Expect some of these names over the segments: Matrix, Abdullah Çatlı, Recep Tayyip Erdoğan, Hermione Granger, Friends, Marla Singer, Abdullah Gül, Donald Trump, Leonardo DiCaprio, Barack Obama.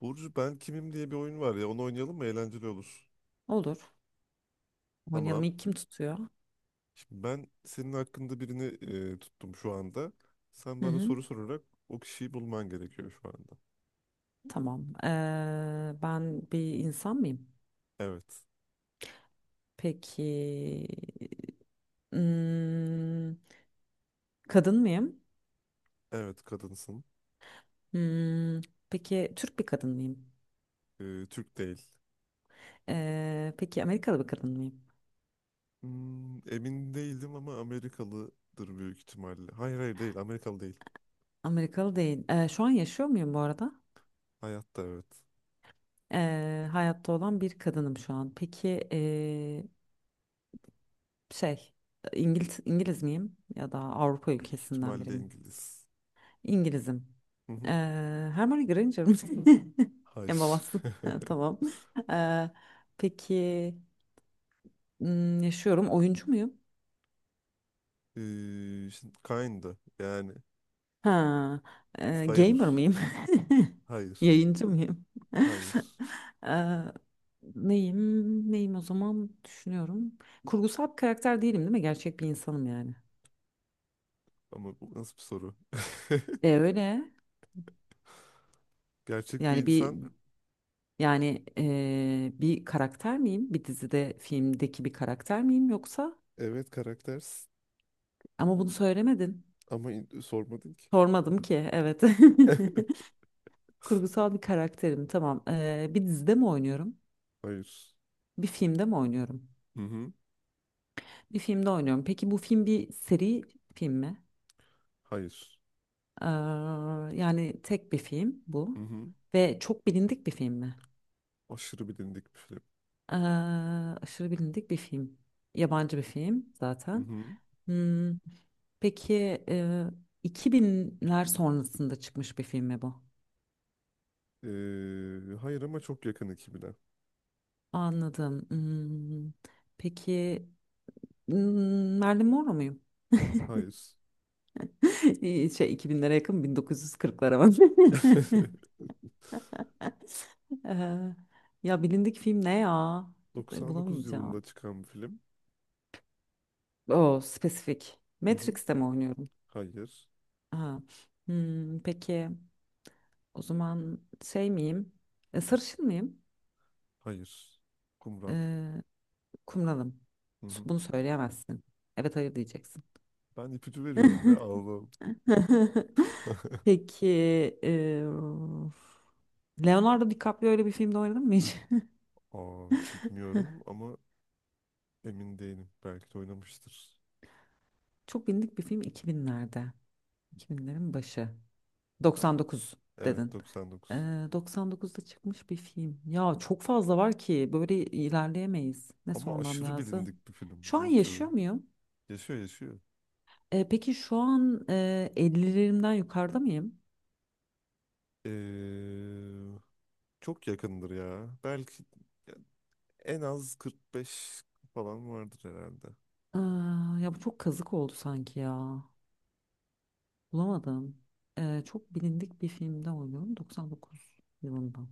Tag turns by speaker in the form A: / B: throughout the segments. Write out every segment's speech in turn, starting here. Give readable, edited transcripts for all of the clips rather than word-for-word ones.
A: Burcu ben kimim diye bir oyun var ya, onu oynayalım mı? Eğlenceli olur.
B: Olur. Oynayalım.
A: Tamam.
B: İlk kim tutuyor?
A: Şimdi ben senin hakkında birini tuttum şu anda. Sen
B: Hı
A: bana
B: hı.
A: soru sorarak o kişiyi bulman gerekiyor şu anda.
B: Tamam. Ben bir insan mıyım?
A: Evet.
B: Peki. Hmm, kadın mıyım?
A: Evet kadınsın.
B: Hmm, peki Türk bir kadın mıyım?
A: Türk değil.
B: Peki Amerikalı bir kadın mıyım?
A: Hmm, emin değildim ama Amerikalıdır büyük ihtimalle. Hayır, hayır değil, Amerikalı değil.
B: Amerikalı değil. Şu an yaşıyor muyum bu arada?
A: Hayatta, evet.
B: Hayatta olan bir kadınım şu an. Peki şey İngiliz, İngiliz miyim? Ya da Avrupa
A: Büyük
B: ülkesinden biri
A: ihtimalle
B: miyim?
A: İngiliz.
B: İngilizim.
A: Hı hı.
B: Hermione Granger mi? En
A: Hayır.
B: babası. Tamam. Ee, peki hmm, yaşıyorum. Oyuncu muyum?
A: E, Şimdi kinda yani
B: Ha, gamer
A: sayılır.
B: mıyım?
A: Hayır.
B: Yayıncı mıyım?
A: Hayır.
B: Ee, neyim? Neyim o zaman düşünüyorum. Kurgusal bir karakter değilim değil mi? Gerçek bir insanım yani.
A: Ama bu nasıl bir soru?
B: E öyle.
A: Gerçek bir
B: Yani bir
A: insan.
B: yani bir karakter miyim? Bir dizide, filmdeki bir karakter miyim yoksa?
A: Evet, karaktersin.
B: Ama bunu söylemedin.
A: Ama sormadın ki.
B: Sormadım ki, evet. Kurgusal bir karakterim, tamam. Bir dizide mi oynuyorum?
A: Hayır.
B: Bir filmde mi oynuyorum?
A: Hı hı.
B: Bir filmde oynuyorum. Peki bu film bir seri film mi?
A: Hayır.
B: Ee, Yani tek bir film
A: Hı
B: bu.
A: hı.
B: Ve çok bilindik bir film mi?
A: Aşırı bilindik bir film.
B: Ee, Aşırı bilindik bir film. Yabancı bir film
A: Hı
B: zaten.
A: hı.
B: Hmm, peki e, 2000'ler sonrasında çıkmış bir film mi bu?
A: Hayır ama çok yakın ekibine.
B: Anladım. Hmm, peki hmm, Marilyn Monroe muyum?
A: Hayır.
B: İyi, şey 2000'lere yakın 1940'lara bak. Eee, ya bilindik film ne ya? E,
A: 99 yılında
B: bulamayacağım.
A: çıkan bir film.
B: O spesifik.
A: Hı hı.
B: Matrix'te mi oynuyorum?
A: Hayır.
B: Ha. Hmm, peki o zaman şey miyim? Sarışın mıyım?
A: Hayır. Kumral.
B: Eee kumralım.
A: Hı hı.
B: Bunu söyleyemezsin. Evet hayır diyeceksin.
A: Ben ipucu veriyorum ya Allah'ım.
B: Peki eee, Leonardo DiCaprio öyle bir filmde oynadın mı hiç?
A: Aa, bilmiyorum ama emin değilim. Belki de oynamıştır.
B: Çok bilindik bir film 2000'lerde. 2000'lerin başı.
A: Tam.
B: 99
A: Evet,
B: dedin.
A: 99.
B: 99'da çıkmış bir film. Ya çok fazla var ki böyle ilerleyemeyiz. Ne
A: Ama
B: sormam
A: aşırı
B: lazım?
A: bilindik bir film,
B: Şu an
A: Burcu.
B: yaşıyor muyum?
A: Yaşıyor, yaşıyor.
B: Peki şu an 50'lerimden yukarıda mıyım?
A: Ee, çok yakındır ya. Belki en az 45 falan vardır herhalde.
B: Ee, Ya bu çok kazık oldu sanki ya. Bulamadım. Çok bilindik bir filmde oynuyorum. 99 yılından.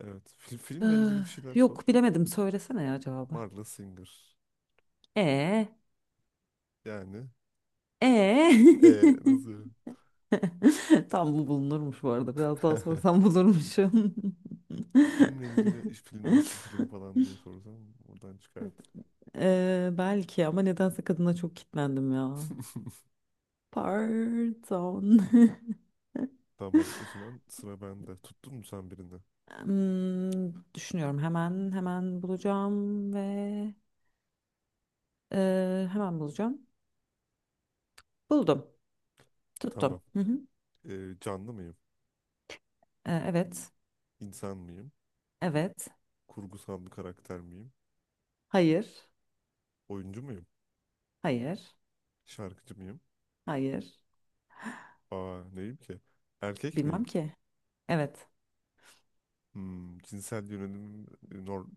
A: Evet.
B: Ee,
A: Filmle ilgili bir şeyler sor.
B: Yok bilemedim. Söylesene ya cevabı.
A: Marla Singer.
B: E
A: Yani.
B: e
A: Nasıl yani?
B: Tam bu bulunurmuş bu arada. Biraz daha sorsam bulurmuşum.
A: Filmle ilgili iş, film nasıl bir film falan diye sorsam oradan çıkardı.
B: Belki ama nedense kadına çok kitlendim ya. Pardon.
A: Tamam, o zaman sıra bende. Tuttun mu sen birini?
B: Hmm, düşünüyorum hemen hemen bulacağım ve hemen bulacağım. Buldum. Tuttum.
A: Tamam.
B: Hı hı.
A: Canlı mıyım?
B: Evet.
A: İnsan mıyım?
B: Evet.
A: Kurgusal bir karakter miyim?
B: Hayır.
A: Oyuncu muyum?
B: Hayır.
A: Şarkıcı mıyım?
B: Hayır.
A: Aa, neyim ki? Erkek
B: Bilmem
A: miyim?
B: ki. Evet.
A: Hmm, cinsel yönelim norm,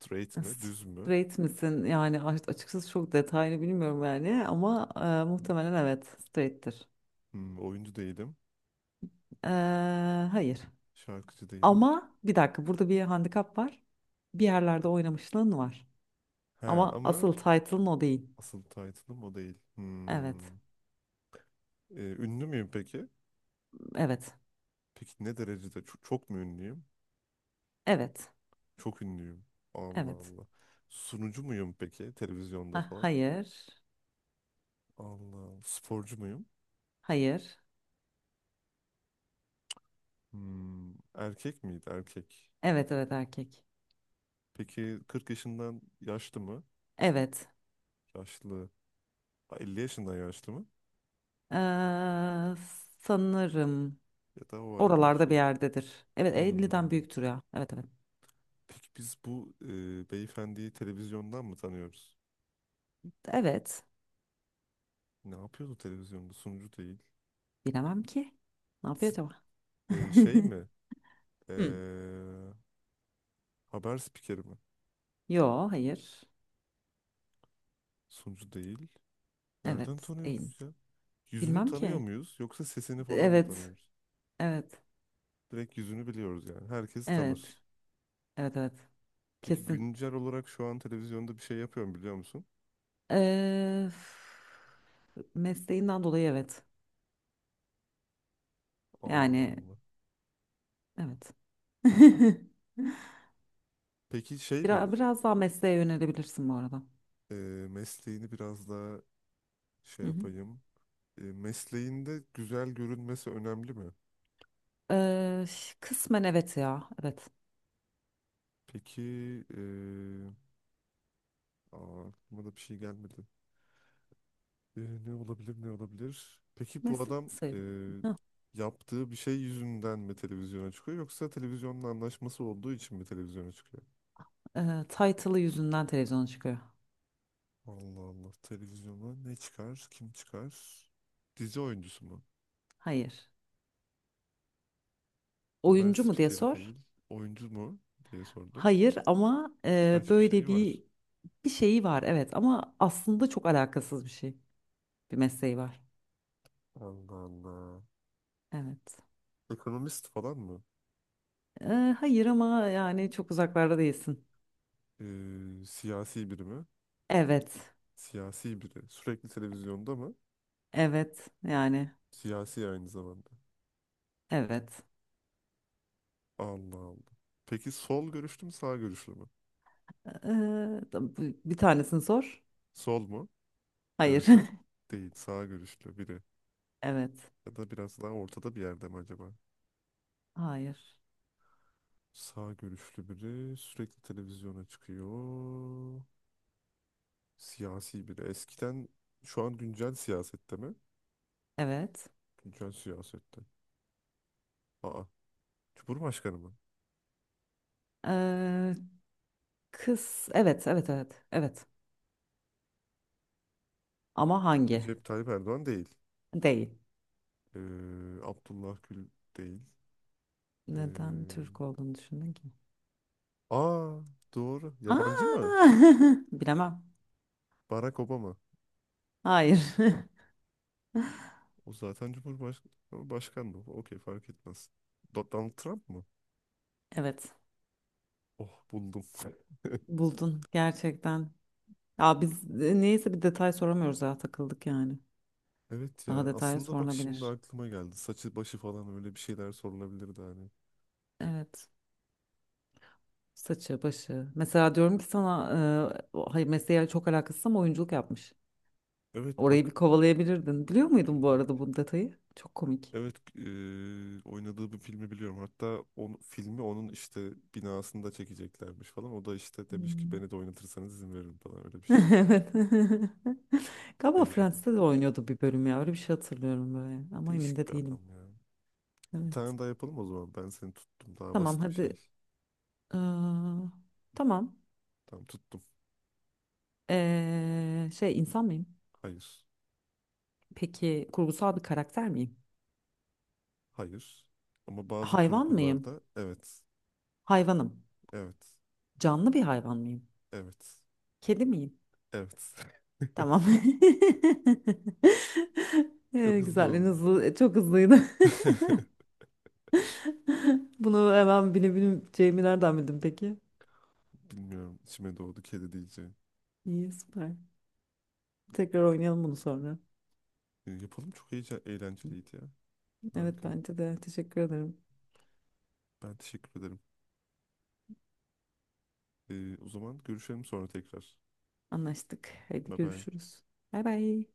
A: straight mi? Düz mü?
B: Straight misin? Yani açıkçası çok detaylı bilmiyorum yani ama muhtemelen evet straight'tir.
A: Hmm, oyuncu değilim.
B: E, hayır.
A: Şarkıcı değilim.
B: Ama bir dakika burada bir handikap var. Bir yerlerde oynamışlığın var.
A: He
B: Ama
A: ama
B: asıl title'ın o değil.
A: asıl title'ım o değil.
B: Evet.
A: Hmm. E, ünlü müyüm peki?
B: Evet.
A: Peki ne derecede? Çok, çok mu ünlüyüm?
B: Evet.
A: Çok ünlüyüm. Allah
B: Evet.
A: Allah. Sunucu muyum peki? Televizyonda
B: Ha,
A: falan.
B: hayır.
A: Allah Allah. Sporcu muyum?
B: Hayır.
A: Hmm, erkek miydi? Erkek.
B: Evet evet erkek.
A: Peki 40 yaşından yaşlı mı?
B: Evet.
A: Yaşlı. Ha, 50 yaşından yaşlı mı?
B: E, sanırım
A: Ya da o arada bir
B: oralarda bir
A: şey.
B: yerdedir. Evet 50'den
A: Hmm.
B: büyüktür ya. Evet evet.
A: Peki biz bu beyefendiyi televizyondan mı tanıyoruz?
B: Evet.
A: Ne yapıyordu televizyonda? Sunucu değil.
B: Bilemem ki. Ne yapıyor
A: S-
B: acaba?
A: şey mi? E,
B: Hı.
A: haber spikeri mi?
B: Yo, hayır.
A: Sunucu değil. Nereden
B: Evet, değil.
A: tanıyoruz ya? Yüzünü
B: Bilmem
A: tanıyor
B: ki.
A: muyuz yoksa sesini falan mı
B: Evet,
A: tanıyoruz?
B: evet,
A: Direkt yüzünü biliyoruz yani. Herkes
B: evet,
A: tanır.
B: evet, evet.
A: Peki
B: Kesin.
A: güncel olarak şu an televizyonda bir şey yapıyor mu, biliyor musun?
B: Mesleğinden dolayı evet.
A: Allah
B: Yani
A: Allah.
B: evet.
A: Peki şey mi?
B: Biraz, biraz daha mesleğe yönelebilirsin bu arada.
A: e, Mesleğini biraz daha şey
B: Hı hı.
A: yapayım. E, mesleğinde güzel görünmesi önemli mi?
B: Kısmen evet ya. Evet.
A: Peki e, aa, aklıma da bir şey gelmedi. E, ne olabilir, ne olabilir? Peki bu
B: Meslek
A: adam
B: sayılır. Hah,
A: yaptığı bir şey yüzünden mi televizyona çıkıyor yoksa televizyonla anlaşması olduğu için mi televizyona çıkıyor?
B: title'ı yüzünden televizyona çıkıyor.
A: Allah Allah, televizyona ne çıkar, kim çıkar? Dizi oyuncusu mu?
B: Hayır.
A: Haber
B: Oyuncu mu diye
A: spikeri
B: sor.
A: değil. Oyuncu mu diye sordum.
B: Hayır ama
A: Birkaç bir
B: böyle
A: şeyi var.
B: bir bir şeyi var evet ama aslında çok alakasız bir şey. Bir mesleği var.
A: Allah Allah.
B: Evet.
A: Ekonomist falan mı?
B: E, hayır ama yani çok uzaklarda değilsin.
A: Siyasi biri mi?
B: Evet.
A: Siyasi biri. Sürekli televizyonda mı?
B: Evet. Yani
A: Siyasi aynı zamanda.
B: evet.
A: Allah Allah. Peki sol görüşlü mü, sağ görüşlü mü?
B: E, da- bu- bir tanesini sor.
A: Sol mu?
B: Hayır.
A: Görüşü değil. Sağ görüşlü biri.
B: Evet.
A: Ya da biraz daha ortada bir yerde mi acaba?
B: Hayır.
A: Sağ görüşlü biri sürekli televizyona çıkıyor. Siyasi biri. Eskiden şu an güncel siyasette mi?
B: Evet.
A: Güncel siyasette. Aa. Cumhurbaşkanı mı?
B: E, kız evet evet evet evet. Ama hangi?
A: Recep Tayyip Erdoğan değil.
B: Değil.
A: Abdullah Gül değil.
B: Neden Türk
A: Ee,
B: olduğunu düşündün ki?
A: aa, doğru. Yabancı
B: Aa!
A: mı?
B: Bilemem.
A: Barack Obama.
B: Hayır.
A: O zaten Cumhurbaşkanı. Başkan mı? Okey, fark etmez. Donald Trump mı?
B: Evet,
A: Oh, buldum.
B: buldun gerçekten. Ya biz neyse bir detay soramıyoruz ya takıldık yani.
A: Evet
B: Daha
A: ya.
B: detay
A: Aslında bak, şimdi
B: sorulabilir.
A: aklıma geldi. Saçı başı falan, öyle bir şeyler sorulabilirdi hani.
B: Evet. Saçı, başı. Mesela diyorum ki sana hayır mesleğe çok alakasız ama oyunculuk yapmış.
A: Evet
B: Orayı
A: bak.
B: bir kovalayabilirdin. Biliyor
A: Çok
B: muydun bu arada
A: ilginç.
B: bu detayı? Çok komik.
A: Evet, oynadığı bir filmi biliyorum. Hatta o filmi onun işte binasında çekeceklermiş falan. O da işte demiş ki
B: Hmm.
A: beni de oynatırsanız izin veririm falan, öyle bir şey demiş.
B: Evet. Galiba
A: Deli adam.
B: Friends'te de oynuyordu bir bölüm ya. Öyle bir şey hatırlıyorum böyle. Ama emin
A: Değişik
B: de
A: bir
B: değilim.
A: adam ya. Bir
B: Evet.
A: tane daha yapalım o zaman. Ben seni tuttum. Daha
B: Tamam
A: basit bir şey.
B: hadi. Ee, tamam.
A: Tamam, tuttum.
B: Şey insan mıyım?
A: Hayır.
B: Peki kurgusal bir karakter miyim?
A: Hayır. Ama bazı
B: Hayvan mıyım?
A: kurgularda evet.
B: Hayvanım.
A: Evet.
B: Canlı bir hayvan mıyım?
A: Evet.
B: Kedi miyim?
A: Evet.
B: Tamam.
A: Çok hızlı
B: Güzel, en
A: oldu.
B: hızlı, çok hızlıydı. Bunu hemen bilebileceğimi nereden bildin peki?
A: Bilmiyorum. İçime doğdu, kedi diyeceğim.
B: İyi, süper. Tekrar oynayalım bunu sonra.
A: Yapalım, çok iyice eğlenceliydi ya.
B: Evet,
A: Harika.
B: bence de. Teşekkür ederim.
A: Ben teşekkür ederim. O zaman görüşelim sonra tekrar.
B: Anlaştık. Haydi
A: Bye bye.
B: görüşürüz. Bay bay.